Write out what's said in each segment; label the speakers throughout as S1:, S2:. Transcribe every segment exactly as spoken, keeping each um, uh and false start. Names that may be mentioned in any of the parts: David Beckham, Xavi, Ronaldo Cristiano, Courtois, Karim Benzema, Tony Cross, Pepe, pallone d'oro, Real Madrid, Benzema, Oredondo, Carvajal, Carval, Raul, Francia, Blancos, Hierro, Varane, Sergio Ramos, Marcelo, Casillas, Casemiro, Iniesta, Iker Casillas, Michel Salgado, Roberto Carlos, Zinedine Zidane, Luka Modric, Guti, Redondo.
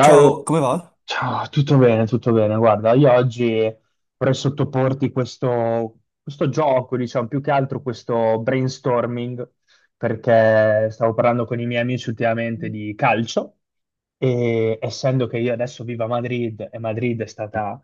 S1: Ciao, come va?
S2: ciao, tutto bene, tutto bene. Guarda, io oggi vorrei sottoporti questo, questo gioco, diciamo, più che altro questo brainstorming, perché stavo parlando con i miei amici ultimamente di calcio e essendo che io adesso vivo a Madrid e Madrid è stata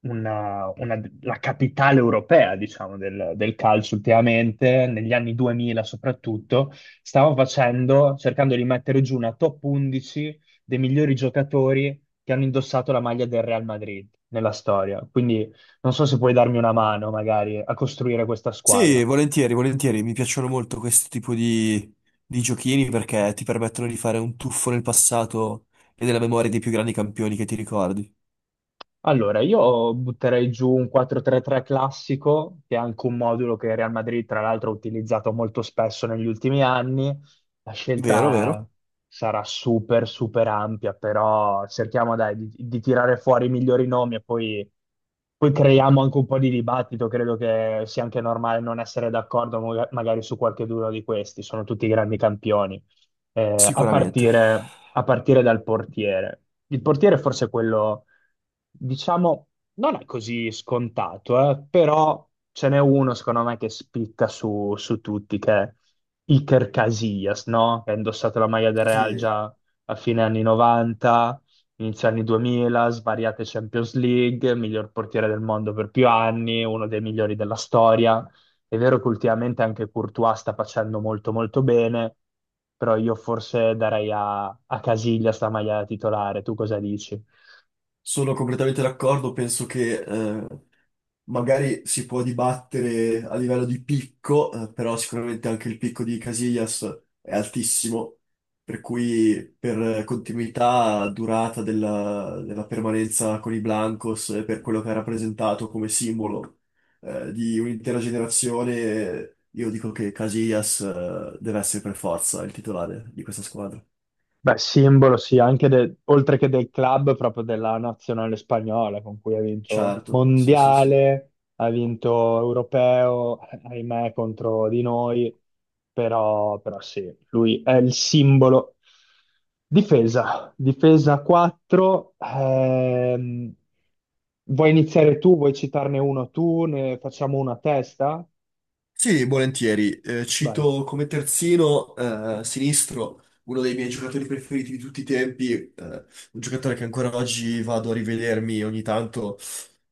S2: una- una- la capitale europea, diciamo, del, del calcio ultimamente, negli anni duemila soprattutto, stavo facendo, cercando di mettere giù una top undici dei migliori giocatori che hanno indossato la maglia del Real Madrid nella storia. Quindi non so se puoi darmi una mano magari a costruire questa
S1: Sì,
S2: squadra.
S1: volentieri, volentieri. Mi piacciono molto questo tipo di, di giochini perché ti permettono di fare un tuffo nel passato e nella memoria dei più grandi campioni che ti ricordi.
S2: Allora, io butterei giù un quattro tre-tre classico, che è anche un modulo che il Real Madrid, tra l'altro, ha utilizzato molto spesso negli ultimi anni. La
S1: Vero,
S2: scelta
S1: vero?
S2: sarà super, super ampia, però cerchiamo, dai, di, di tirare fuori i migliori nomi e poi, poi creiamo anche un po' di dibattito. Credo che sia anche normale non essere d'accordo mo- magari su qualche uno di questi, sono tutti grandi campioni. Eh, a
S1: Sicuramente.
S2: partire, a partire dal portiere. Il portiere è forse quello, diciamo, non è così scontato, eh, però ce n'è uno secondo me che spicca su, su tutti, che è Iker Casillas, no? Che ha indossato la maglia del Real
S1: Sì,
S2: già a fine anni novanta, inizio anni duemila, svariate Champions League, miglior portiere del mondo per più anni, uno dei migliori della storia. È vero che ultimamente anche Courtois sta facendo molto molto bene, però io forse darei a, a Casillas la maglia da titolare, tu cosa dici?
S1: sono completamente d'accordo. Penso che eh, magari si può dibattere a livello di picco, eh, però sicuramente anche il picco di Casillas è altissimo, per cui per eh, continuità, durata della, della permanenza con i Blancos e per quello che ha rappresentato come simbolo, eh, di un'intera generazione, io dico che Casillas, eh, deve essere per forza il titolare di questa squadra.
S2: Beh, simbolo, sì, anche de- oltre che del club, proprio della nazionale spagnola con cui ha vinto
S1: Certo, sì, sì, sì.
S2: mondiale, ha vinto europeo, ahimè, contro di noi, però, però sì, lui è il simbolo. Difesa, difesa quattro, ehm, vuoi iniziare tu, vuoi citarne uno tu, ne facciamo una a testa?
S1: Sì, volentieri. Eh,
S2: Vai.
S1: cito come terzino eh, sinistro uno dei miei giocatori preferiti di tutti i tempi, eh, un giocatore che ancora oggi vado a rivedermi ogni tanto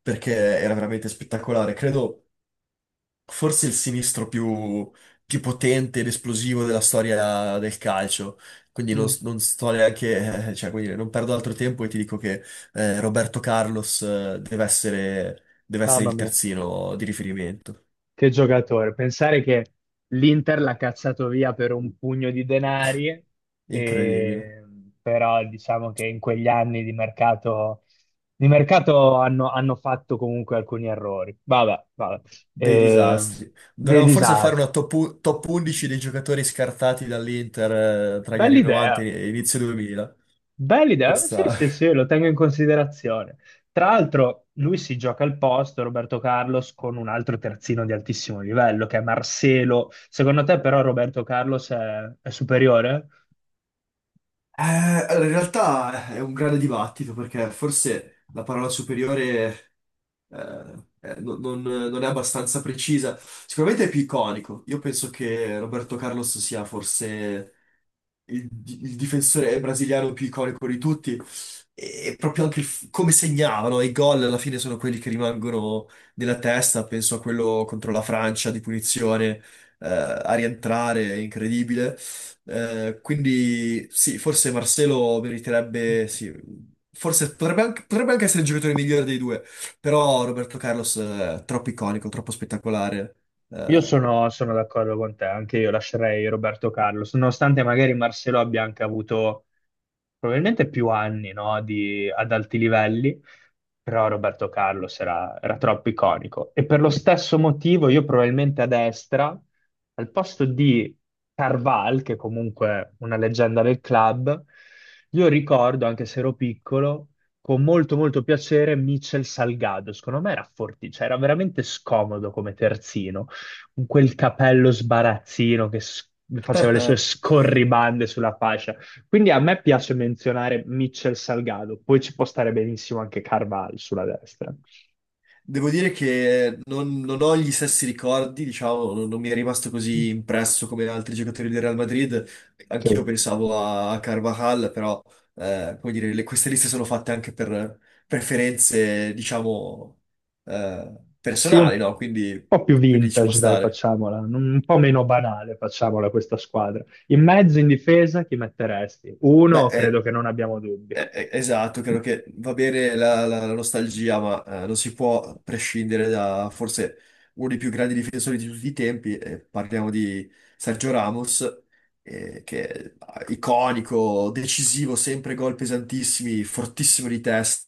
S1: perché era veramente spettacolare. Credo forse il sinistro più, più potente ed esplosivo della storia del calcio. Quindi non,
S2: Mm,
S1: non sto neanche, eh, cioè, come dire, non perdo altro tempo e ti dico che eh, Roberto Carlos eh, deve essere, deve essere
S2: Mamma
S1: il
S2: mia.
S1: terzino di riferimento.
S2: Che giocatore, pensare che l'Inter l'ha cacciato via per un pugno di denari,
S1: Incredibile.
S2: e- però diciamo che in quegli anni di mercato, di mercato hanno, hanno fatto comunque alcuni errori. Vabbè, vabbè.
S1: Dei
S2: Ehm,
S1: disastri.
S2: dei
S1: Dovremmo forse fare una
S2: disastri.
S1: top, u- top undici dei giocatori scartati dall'Inter eh, tra gli
S2: Bella
S1: anni novanta
S2: idea.
S1: e inizio duemila.
S2: Bella idea, sì,
S1: Questa
S2: sì, sì, lo tengo in considerazione. Tra l'altro, lui si gioca al posto, Roberto Carlos, con un altro terzino di altissimo livello, che è Marcelo. Secondo te, però, Roberto Carlos è, è superiore?
S1: Eh, allora, in realtà è un grande dibattito perché forse la parola superiore eh, eh, non, non- non è abbastanza precisa. Sicuramente è più iconico. Io penso che Roberto Carlos sia forse il, il difensore brasiliano più iconico di tutti. E proprio anche il f- come segnavano i gol alla fine sono quelli che rimangono nella testa. Penso a quello contro la Francia di punizione eh, a rientrare, è incredibile. Eh, quindi sì, forse Marcelo meriterebbe, sì, forse potrebbe anche, potrebbe anche essere il giocatore migliore dei due, però Roberto Carlos eh, è troppo iconico, troppo spettacolare.
S2: Io
S1: eh.
S2: sono, sono d'accordo con te, anche io lascerei Roberto Carlos, nonostante magari Marcelo abbia anche avuto probabilmente più anni, no, di- ad alti livelli, però Roberto Carlos era, era troppo iconico. E per lo stesso motivo io probabilmente a destra, al posto di Carval, che comunque è una leggenda del club, io ricordo, anche se ero piccolo, con molto molto piacere Michel Salgado. Secondo me era forti, cioè era veramente scomodo come terzino, con quel capello sbarazzino che s- faceva le sue scorribande sulla fascia. Quindi a me piace menzionare Mitchell Salgado, poi ci può stare benissimo anche Carval sulla destra,
S1: Devo dire che non, non ho gli stessi ricordi, diciamo, non, non mi è rimasto così impresso come altri giocatori del Real Madrid.
S2: che
S1: Anch'io pensavo a, a Carvajal, però, eh, come dire, le- queste liste sono fatte anche per preferenze, diciamo, eh,
S2: sia un
S1: personali, no? Quindi,
S2: po' più
S1: quindi ci può
S2: vintage, dai,
S1: stare.
S2: facciamola, non- un po' meno banale, facciamola questa squadra. In mezzo, in difesa, chi metteresti?
S1: Beh,
S2: Uno, credo
S1: eh,
S2: che non abbiamo dubbi.
S1: Eh, eh, Esatto, credo che va bene la, la- la nostalgia, ma eh, non si può prescindere da forse uno dei più grandi difensori di tutti i tempi. Eh, parliamo di Sergio Ramos, eh, che è iconico, decisivo, sempre gol pesantissimi, fortissimo di testa,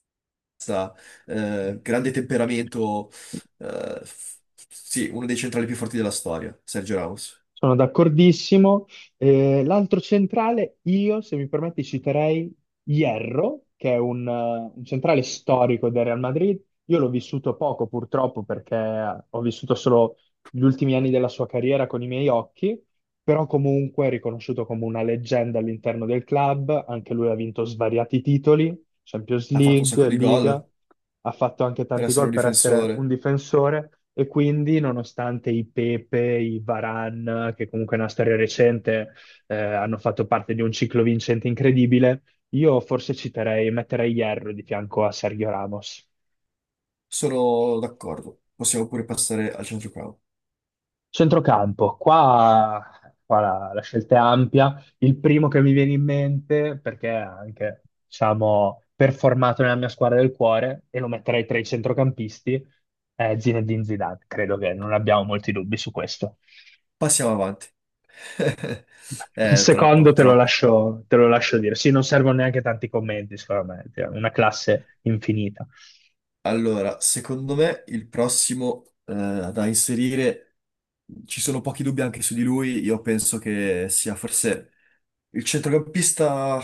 S1: eh, grande temperamento. eh, f- sì, uno dei centrali più forti della storia, Sergio Ramos.
S2: Sono d'accordissimo. Eh, l'altro centrale, io, se mi permetti, citerei Hierro, che è un, eh, un centrale storico del Real Madrid. Io l'ho vissuto poco, purtroppo, perché eh, ho vissuto solo gli ultimi anni della sua carriera con i miei occhi, però comunque è riconosciuto come una leggenda all'interno del club. Anche lui ha vinto svariati titoli, Champions
S1: Ha fatto un sacco
S2: League,
S1: di
S2: Liga,
S1: gol
S2: ha fatto anche
S1: per
S2: tanti
S1: essere
S2: gol
S1: un
S2: per essere un
S1: difensore.
S2: difensore e quindi nonostante i Pepe, i Varane, che comunque è una storia recente, eh, hanno fatto parte di un ciclo vincente incredibile, io forse citerei, metterei Hierro di fianco a Sergio Ramos.
S1: Sono d'accordo, possiamo pure passare al centrocampo.
S2: Centrocampo, qua, qua la, la scelta è ampia. Il primo che mi viene in mente, perché è anche, diciamo, performato nella mia squadra del cuore, e lo metterei tra i centrocampisti, è Zinedine Zidane. Credo che non abbiamo molti dubbi su questo.
S1: Passiamo avanti.
S2: Il
S1: Eh, troppo,
S2: secondo te lo
S1: troppo.
S2: lascio, te lo lascio dire. Sì, non servono neanche tanti commenti, secondo me. Cioè, una classe infinita.
S1: Allora, secondo me il prossimo eh, da inserire, ci sono pochi dubbi anche su di lui, io penso che sia forse il centrocampista.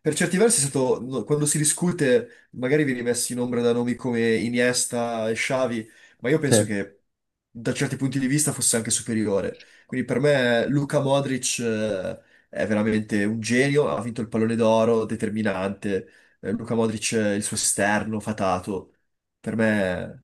S1: Per certi versi è stato, no, quando si discute, magari vieni messi in ombra da nomi come Iniesta e Xavi, ma io penso
S2: Sì.
S1: che da certi punti di vista fosse anche superiore. Quindi per me Luka Modric eh, è veramente un genio, ha vinto il pallone d'oro, determinante. Eh, Luka Modric, eh, il suo esterno fatato, per me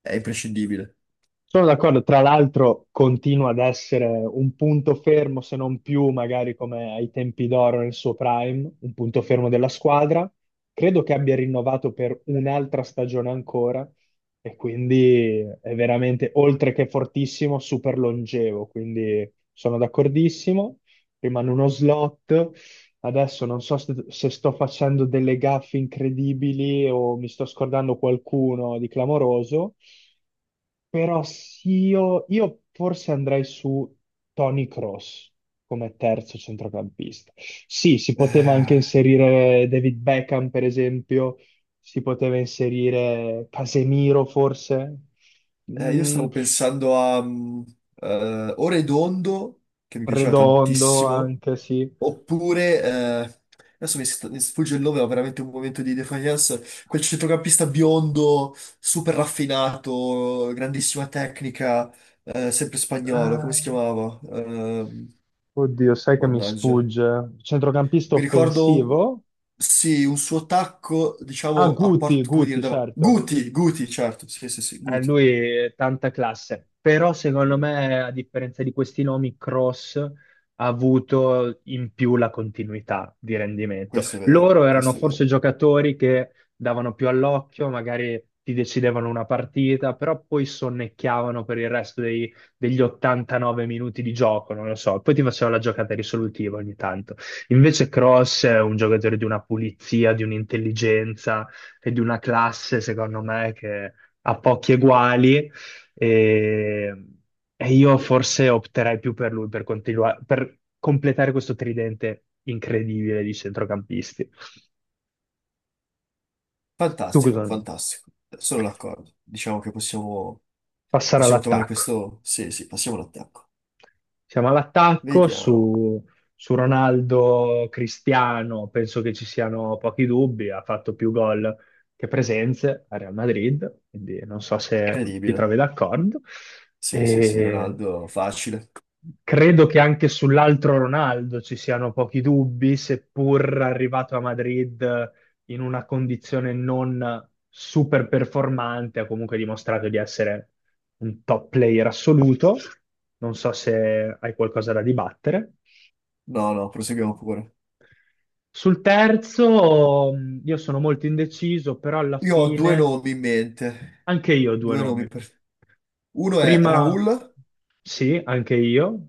S1: è imprescindibile.
S2: Sono d'accordo, tra l'altro continua ad essere un punto fermo, se non più magari come ai tempi d'oro nel suo prime, un punto fermo della squadra. Credo che abbia rinnovato per un'altra stagione ancora e quindi è veramente, oltre che fortissimo, super longevo, quindi sono d'accordissimo. Rimane uno slot. Adesso non so se se sto facendo delle gaffe incredibili o mi sto scordando qualcuno di clamoroso. Però sì, io, io forse andrei su Tony Cross come terzo centrocampista. Sì, si poteva anche
S1: Eh,
S2: inserire David Beckham, per esempio, si poteva inserire Casemiro, forse,
S1: eh, io
S2: Mm,
S1: stavo pensando a mm, eh, Oredondo, che mi piaceva
S2: Redondo
S1: tantissimo.
S2: anche, sì.
S1: Oppure, eh, adesso mi, sta- mi sfugge il nome, ho veramente un momento di defiance, quel centrocampista biondo, super raffinato, grandissima tecnica, eh, sempre spagnolo, come
S2: Ah,
S1: si chiamava? Ehm,
S2: oddio, sai che mi
S1: mannaggia.
S2: sfugge. Centrocampista
S1: Mi ricordo, un-
S2: offensivo?
S1: sì, un suo tacco,
S2: Ah,
S1: diciamo, a
S2: Guti,
S1: porta, come dire,
S2: Guti,
S1: da...
S2: certo.
S1: Guti, Guti, certo, sì, sì, sì,
S2: Eh,
S1: Guti.
S2: lui tanta classe, però secondo me, a differenza di questi nomi, Cross ha avuto in più la continuità di rendimento.
S1: Questo è vero,
S2: Loro erano
S1: questo è
S2: forse
S1: vero.
S2: giocatori che davano più all'occhio, magari ti decidevano una partita, però poi sonnecchiavano per il resto dei- degli ottantanove minuti di gioco, non lo so, poi ti faceva la giocata risolutiva ogni tanto. Invece Cross è un giocatore di una pulizia, di un'intelligenza e di una classe, secondo me, a pochi eguali e, e io forse opterei più per lui per continuare, per completare questo tridente incredibile di centrocampisti. Tu
S1: Fantastico,
S2: cosa?
S1: fantastico. Sono d'accordo. Diciamo che possiamo,
S2: Passare
S1: possiamo trovare
S2: all'attacco.
S1: questo... Sì, sì, passiamo all'attacco.
S2: Siamo all'attacco
S1: Vediamo.
S2: su, su Ronaldo Cristiano, penso che ci siano pochi dubbi, ha fatto più gol che presenze a Real Madrid, quindi non so se ti
S1: Incredibile.
S2: trovi d'accordo.
S1: Sì, sì, sì,
S2: E
S1: Ronaldo, facile.
S2: credo che anche sull'altro Ronaldo ci siano pochi dubbi, seppur arrivato a Madrid in una condizione non super performante, ha comunque dimostrato di essere un top player assoluto. Non so se hai qualcosa da dibattere.
S1: No, no, proseguiamo pure.
S2: Sul terzo, mh, io sono molto indeciso, però alla
S1: Io ho due
S2: fine
S1: nomi in mente.
S2: anche io ho due
S1: Due nomi
S2: nomi.
S1: per... Uno è
S2: Prima,
S1: Raul
S2: sì, anche io,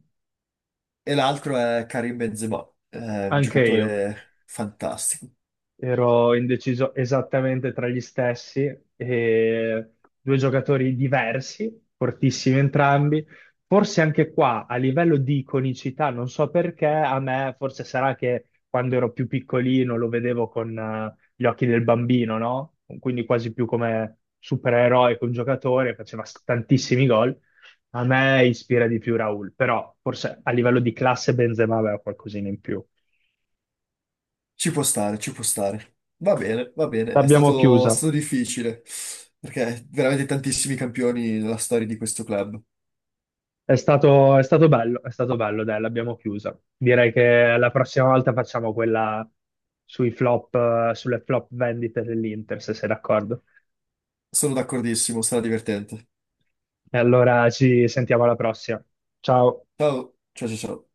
S1: e l'altro è Karim Benzema. È un
S2: anche io.
S1: giocatore fantastico.
S2: Ero indeciso esattamente tra gli stessi, e due giocatori diversi, fortissimi entrambi. Forse anche qua, a livello di iconicità, non so perché, a me forse sarà che quando ero più piccolino lo vedevo con eh, gli occhi del bambino, no? Quindi quasi più come supereroe che un giocatore, faceva s- tantissimi gol. A me ispira di più Raul, però forse a livello di classe Benzema aveva qualcosina in più.
S1: Ci può stare, ci può stare. Va bene, va bene. È
S2: L'abbiamo
S1: stato, è
S2: chiusa.
S1: stato difficile perché veramente tantissimi campioni nella storia di questo club.
S2: È stato, è stato bello, è stato bello, dai, l'abbiamo chiusa. Direi che la prossima volta facciamo quella sui flop, eh, sulle flop vendite dell'Inter, se sei d'accordo.
S1: Sono d'accordissimo, sarà divertente.
S2: E allora ci sentiamo alla prossima. Ciao.
S1: Ciao, ciao, ciao, ciao.